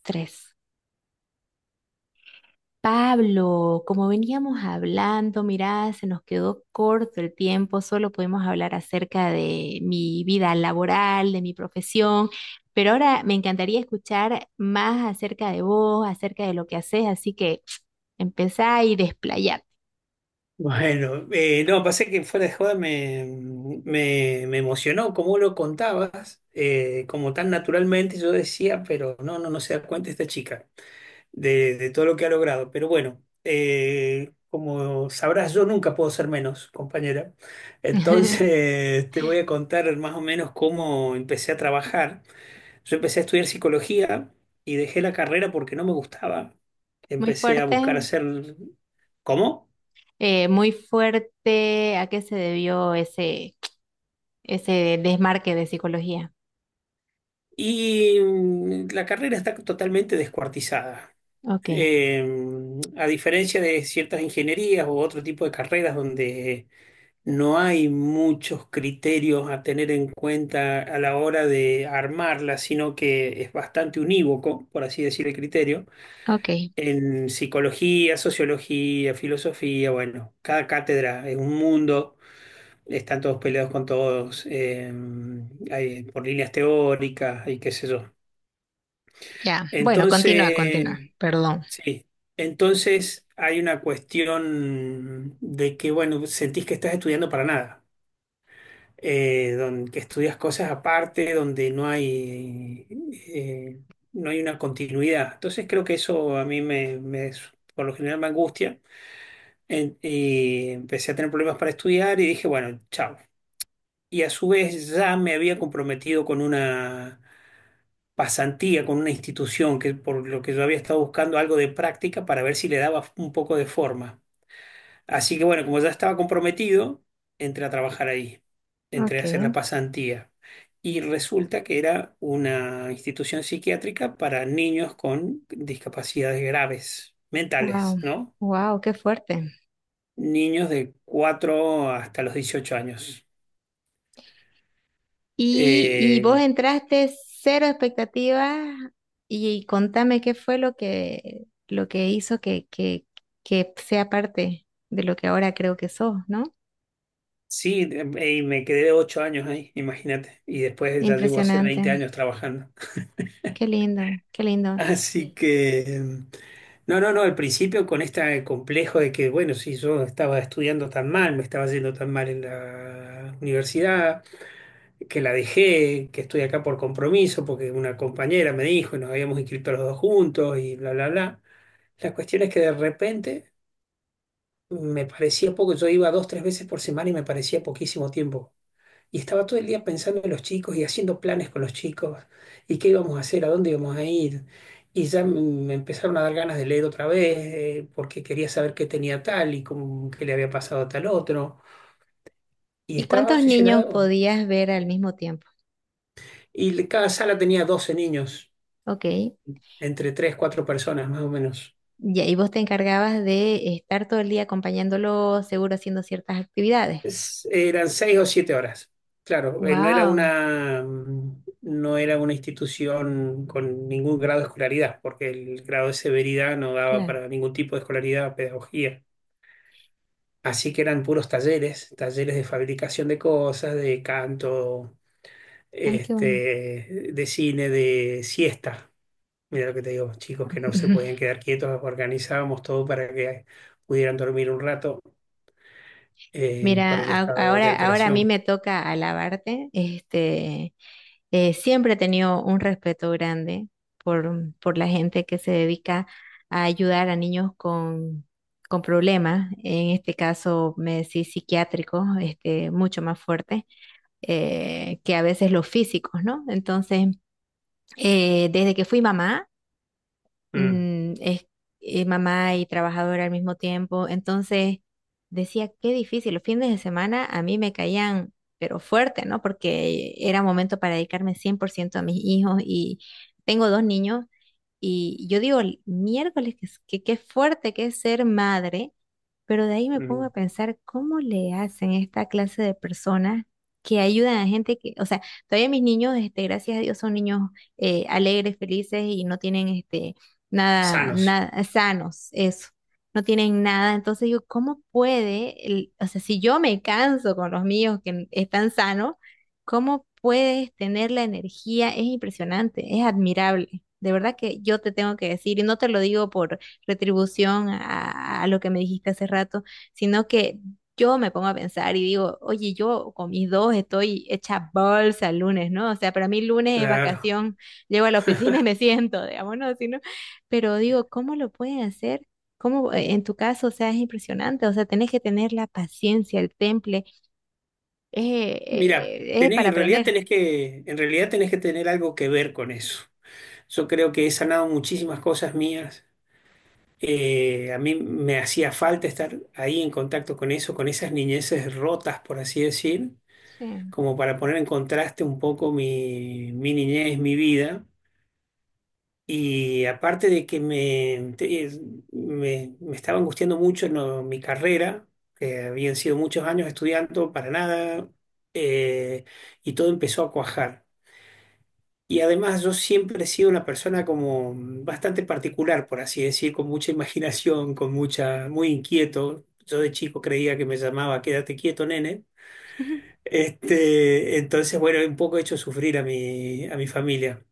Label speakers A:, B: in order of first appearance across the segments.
A: Tres. Pablo, como veníamos hablando, mirá, se nos quedó corto el tiempo, solo pudimos hablar acerca de mi vida laboral, de mi profesión, pero ahora me encantaría escuchar más acerca de vos, acerca de lo que haces, así que empezá y desplayate.
B: Bueno, no, pasé que fuera de joda me emocionó cómo lo contabas, como tan naturalmente yo decía, pero no se da cuenta esta chica de todo lo que ha logrado. Pero bueno, como sabrás, yo nunca puedo ser menos, compañera. Entonces te voy a contar más o menos cómo empecé a trabajar. Yo empecé a estudiar psicología y dejé la carrera porque no me gustaba.
A: Muy
B: Empecé a
A: fuerte,
B: buscar hacer. ¿Cómo?
A: muy fuerte, ¿a qué se debió ese desmarque de psicología?
B: Y la carrera está totalmente descuartizada.
A: Ok.
B: Eh, a diferencia de ciertas ingenierías u otro tipo de carreras donde no hay muchos criterios a tener en cuenta a la hora de armarla, sino que es bastante unívoco, por así decir, el criterio.
A: Ok,
B: En psicología, sociología, filosofía, bueno, cada cátedra es un mundo, están todos peleados con todos, hay por líneas teóricas y qué sé yo.
A: ya. Bueno, continúa,
B: Entonces,
A: continúa. Perdón.
B: sí, entonces hay una cuestión de que, bueno, sentís que estás estudiando para nada, que estudias cosas aparte, donde eh, no hay una continuidad. Entonces creo que eso a mí por lo general me angustia y empecé a tener problemas para estudiar y dije, bueno, chao. Y a su vez ya me había comprometido con una pasantía con una institución, que por lo que yo había estado buscando algo de práctica para ver si le daba un poco de forma. Así que bueno, como ya estaba comprometido, entré a trabajar ahí, entré a hacer la
A: Okay,
B: pasantía. Y resulta que era una institución psiquiátrica para niños con discapacidades graves,
A: wow,
B: mentales, ¿no?
A: wow, qué fuerte.
B: Niños de 4 hasta los 18 años.
A: Y vos
B: Eh,
A: entraste cero expectativas y, contame qué fue lo que hizo que sea parte de lo que ahora creo que sos, ¿no?
B: sí, y me quedé 8 años ahí, imagínate. Y después ya llevo hace
A: Impresionante,
B: 20 años trabajando.
A: qué lindo, qué lindo.
B: Así
A: Sí.
B: que, no, no, no, al principio con este complejo de que, bueno, si yo estaba estudiando tan mal, me estaba yendo tan mal en la universidad, que la dejé, que estoy acá por compromiso, porque una compañera me dijo y nos habíamos inscrito los dos juntos y bla, bla, bla. La cuestión es que de repente me parecía poco, yo iba dos, tres veces por semana y me parecía poquísimo tiempo. Y estaba todo el día pensando en los chicos y haciendo planes con los chicos y qué íbamos a hacer, a dónde íbamos a ir. Y ya m- Me empezaron a dar ganas de leer otra vez, porque quería saber qué tenía tal y cómo, qué le había pasado a tal otro. Y
A: ¿Y
B: estaba
A: cuántos niños
B: obsesionado.
A: podías ver al mismo tiempo?
B: Cada sala tenía 12 niños,
A: Ok,
B: entre 3 4 personas más o menos.
A: ya, y ahí vos te encargabas de estar todo el día acompañándolo, seguro haciendo ciertas actividades.
B: Eran 6 o 7 horas. Claro, no era
A: Wow,
B: una, mm, no era una institución con ningún grado de escolaridad, porque el grado de severidad no daba
A: claro,
B: para ningún tipo de escolaridad, pedagogía. Así que eran puros talleres, talleres de fabricación de cosas, de canto,
A: ay, qué bueno.
B: este, de cine, de siesta. Mira lo que te digo, chicos que no se podían quedar quietos, organizábamos todo para que pudieran dormir un rato,
A: Mira,
B: por el estado de
A: ahora, ahora a mí
B: alteración.
A: me toca alabarte. Este, siempre he tenido un respeto grande por la gente que se dedica a ayudar a niños con problemas. En este caso, me decís psiquiátricos, este, mucho más fuertes que a veces los físicos, ¿no? Entonces, desde que fui mamá,
B: Mm,
A: es mamá y trabajadora al mismo tiempo. Entonces decía, qué difícil. Los fines de semana a mí me caían, pero fuerte, ¿no? Porque era momento para dedicarme 100% a mis hijos y tengo dos niños y yo digo, "El miércoles, que qué fuerte que es ser madre, pero de ahí me pongo
B: mm.
A: a pensar cómo le hacen esta clase de personas que ayudan a gente que, o sea, todavía mis niños, este, gracias a Dios, son niños alegres, felices y no tienen este, nada,
B: Sanos,
A: nada, sanos, eso, no tienen nada. Entonces yo, ¿cómo puede, o sea, si yo me canso con los míos que están sanos, ¿cómo puedes tener la energía? Es impresionante, es admirable. De verdad que yo te tengo que decir, y no te lo digo retribución a lo que me dijiste hace rato, sino que yo me pongo a pensar y digo, oye, yo con mis dos estoy hecha bolsa el lunes, ¿no? O sea, para mí lunes es
B: claro.
A: vacación, llego a la oficina y me siento, digamos, ¿no? Si pero digo, ¿cómo lo pueden hacer? ¿Cómo, en tu caso, o sea, es impresionante, o sea, tenés que tener la paciencia, el temple,
B: Mira,
A: es es
B: tenés,
A: para
B: en realidad
A: aprender.
B: tenés que, en realidad tenés que tener algo que ver con eso. Yo creo que he sanado muchísimas cosas mías. A mí me hacía falta estar ahí en contacto con eso, con esas niñeces rotas, por así decir,
A: Sí.
B: como para poner en contraste un poco mi niñez, mi vida. Y aparte de que me, te- es- me estaba angustiando mucho, no, mi carrera, que habían sido muchos años estudiando para nada, eh, y todo empezó a cuajar. Y además yo siempre he sido una persona como bastante particular, por así decir, con mucha imaginación, muy inquieto. Yo de chico creía que me llamaba Quédate quieto, nene. Este, entonces, bueno, un poco he hecho sufrir a mi familia.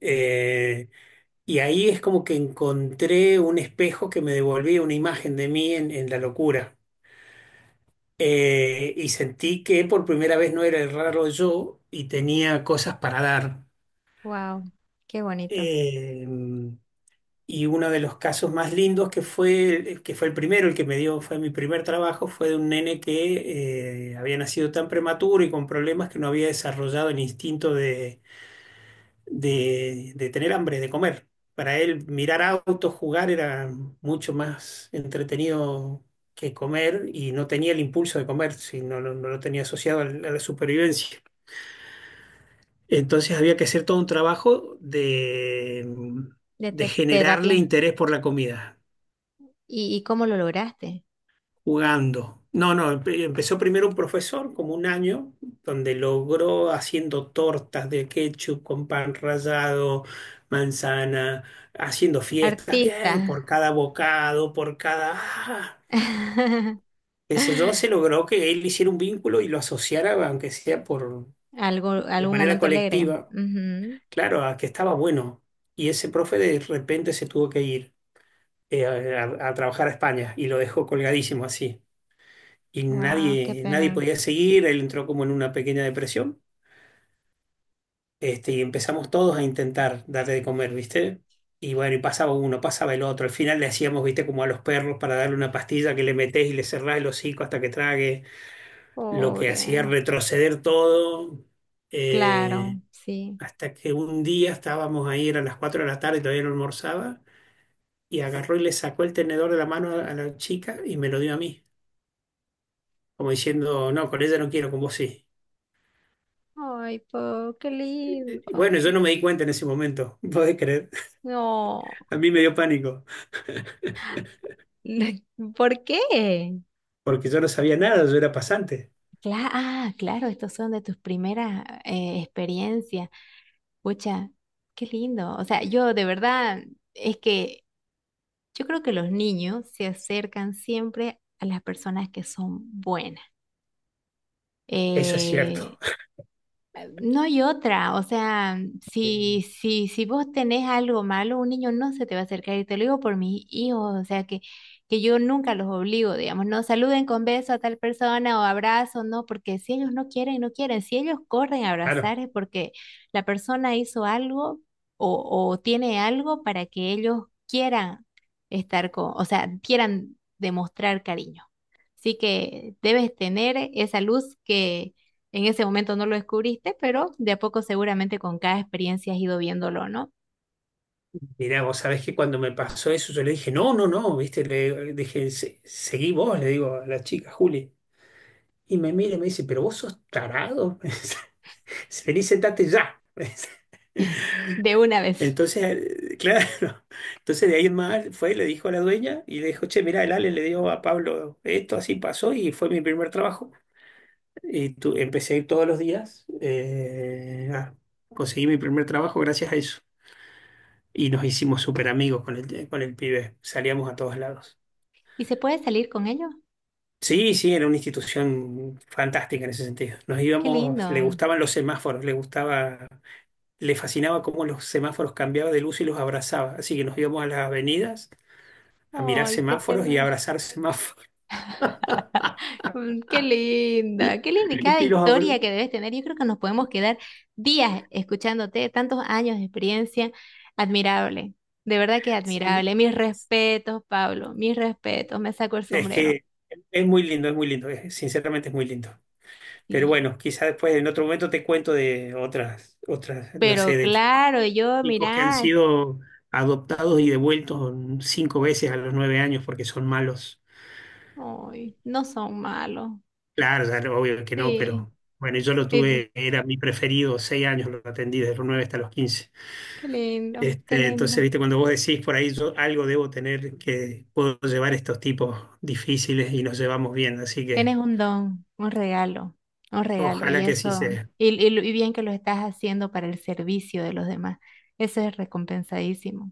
B: Eh, Y ahí es como que encontré un espejo que me devolvía una imagen de mí en la locura. Y sentí que por primera vez no era el raro yo y tenía cosas para dar.
A: Wow, qué bonito.
B: Eh, y uno de los casos más lindos que fue el primero, el que me dio, fue mi primer trabajo, fue de un nene que había nacido tan prematuro y con problemas que no había desarrollado el instinto de de tener hambre, de comer. Para él mirar autos, jugar era mucho más entretenido que comer, y no tenía el impulso de comer, si no, lo no lo tenía asociado a la supervivencia. Entonces había que hacer todo un trabajo
A: De
B: de, generarle
A: terapia.
B: interés por la comida.
A: Y cómo lo lograste?
B: Jugando. No, no, empezó primero un profesor, como un año, donde logró haciendo tortas de ketchup con pan rallado, manzana, haciendo fiestas,
A: Artista.
B: bien, por cada bocado, ¡ah, qué sé yo! Se logró que él hiciera un vínculo y lo asociara, aunque sea por,
A: Algo,
B: de
A: algún
B: manera
A: momento alegre.
B: colectiva, claro, a que estaba bueno. Y ese profe de repente se tuvo que ir, a trabajar a España, y lo dejó colgadísimo así. Y
A: Wow, qué
B: nadie, nadie
A: pena.
B: podía seguir, él entró como en una pequeña depresión, este, y empezamos todos a intentar darle de comer, ¿viste? Y bueno, y pasaba uno, pasaba el otro, al final le hacíamos, ¿viste?, como a los perros para darle una pastilla, que le metés y le cerrás el hocico hasta que trague, lo que
A: Pobre.
B: hacía retroceder todo,
A: Claro,
B: eh,
A: sí.
B: hasta que un día estábamos ahí, eran las 4 de la tarde, y todavía no almorzaba, y agarró y le sacó el tenedor de la mano a la chica y me lo dio a mí, como diciendo, no, con ella no quiero, con vos sí.
A: Ay, po, qué lindo.
B: Bueno, yo no me di cuenta en ese momento, ¿podés creer?
A: No.
B: A mí me dio pánico,
A: ¿Por qué?
B: porque yo no sabía nada, yo era pasante.
A: Ah, claro, estos son de tus primeras experiencias. Pucha, qué lindo. O sea, yo de verdad, es que yo creo que los niños se acercan siempre a las personas que son buenas.
B: Eso es
A: Eh,
B: cierto.
A: No hay otra, o sea,
B: Eh,
A: si, si, si vos tenés algo malo, un niño no se te va a acercar y te lo digo por mis hijos, o sea, que yo nunca los obligo, digamos, no saluden con beso a tal persona o abrazo, no, porque si ellos no quieren, no quieren, si ellos corren a
B: Claro,
A: abrazar es porque la persona hizo algo o tiene algo para que ellos quieran estar con, o sea, quieran demostrar cariño. Sí que debes tener esa luz que en ese momento no lo descubriste, pero de a poco seguramente con cada experiencia has ido viéndolo, ¿no?
B: mirá, vos sabés que cuando me pasó eso, yo le dije, no, no, no, viste, le dije, Seguí vos", le digo a la chica, Juli. Y me mira y me dice, pero vos sos tarado. Vení, sentate ya.
A: De una vez.
B: Entonces, claro, entonces de ahí en más fue, y le dijo a la dueña y le dijo, che, mirá, el Ale le dio a Pablo esto, así pasó y fue mi primer trabajo. Empecé a ir todos los días, conseguí mi primer trabajo gracias a eso. Y nos hicimos súper amigos con el pibe, salíamos a todos lados.
A: ¿Y se puede salir con ello?
B: Sí, sí, era una institución fantástica en ese sentido. Nos
A: Qué lindo.
B: íbamos, le gustaban los semáforos, le gustaba, le fascinaba cómo los semáforos cambiaban de luz y los abrazaba. Así que nos íbamos a las avenidas a mirar
A: Ay, qué
B: semáforos y a
A: ternura.
B: abrazar semáforos.
A: Mm, qué linda, qué linda y cada
B: Y los abra-
A: historia que debes tener. Yo creo que nos podemos quedar días escuchándote, tantos años de experiencia. Admirable, de verdad que
B: Sí.
A: admirable. Mis respetos, Pablo, mis respetos, me saco el
B: Es
A: sombrero.
B: que es muy lindo, sinceramente es muy lindo. Pero
A: Sí.
B: bueno, quizás después en otro momento te cuento de otras, no sé,
A: Pero
B: de
A: claro, yo,
B: chicos que han
A: mirá,
B: sido adoptados y devueltos 5 veces a los 9 años porque son malos.
A: ay, no son malos.
B: Claro, ya no, obvio que no,
A: Sí,
B: pero bueno, yo lo
A: sí,
B: tuve, era mi preferido, 6 años lo atendí desde los 9 hasta los 15.
A: qué lindo, qué
B: Este, entonces,
A: lindo.
B: viste, cuando vos decís por ahí, yo algo debo tener que puedo llevar estos tipos difíciles y nos llevamos bien, así que
A: Tienes un don, un regalo, y
B: ojalá que sí
A: eso,
B: sea.
A: y, y bien que lo estás haciendo para el servicio de los demás. Eso es recompensadísimo.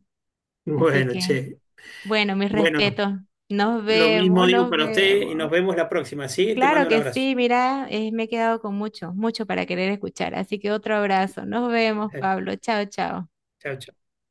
A: Así
B: Bueno,
A: que,
B: che.
A: bueno, mis
B: Bueno,
A: respetos. Nos
B: lo mismo
A: vemos,
B: digo
A: nos
B: para usted y nos
A: vemos.
B: vemos la próxima, ¿sí? Te
A: Claro
B: mando un
A: que
B: abrazo.
A: sí, mira, me he quedado con mucho, mucho para querer escuchar. Así que otro abrazo. Nos vemos,
B: Eh,
A: Pablo. Chao, chao.
B: Chao, chao.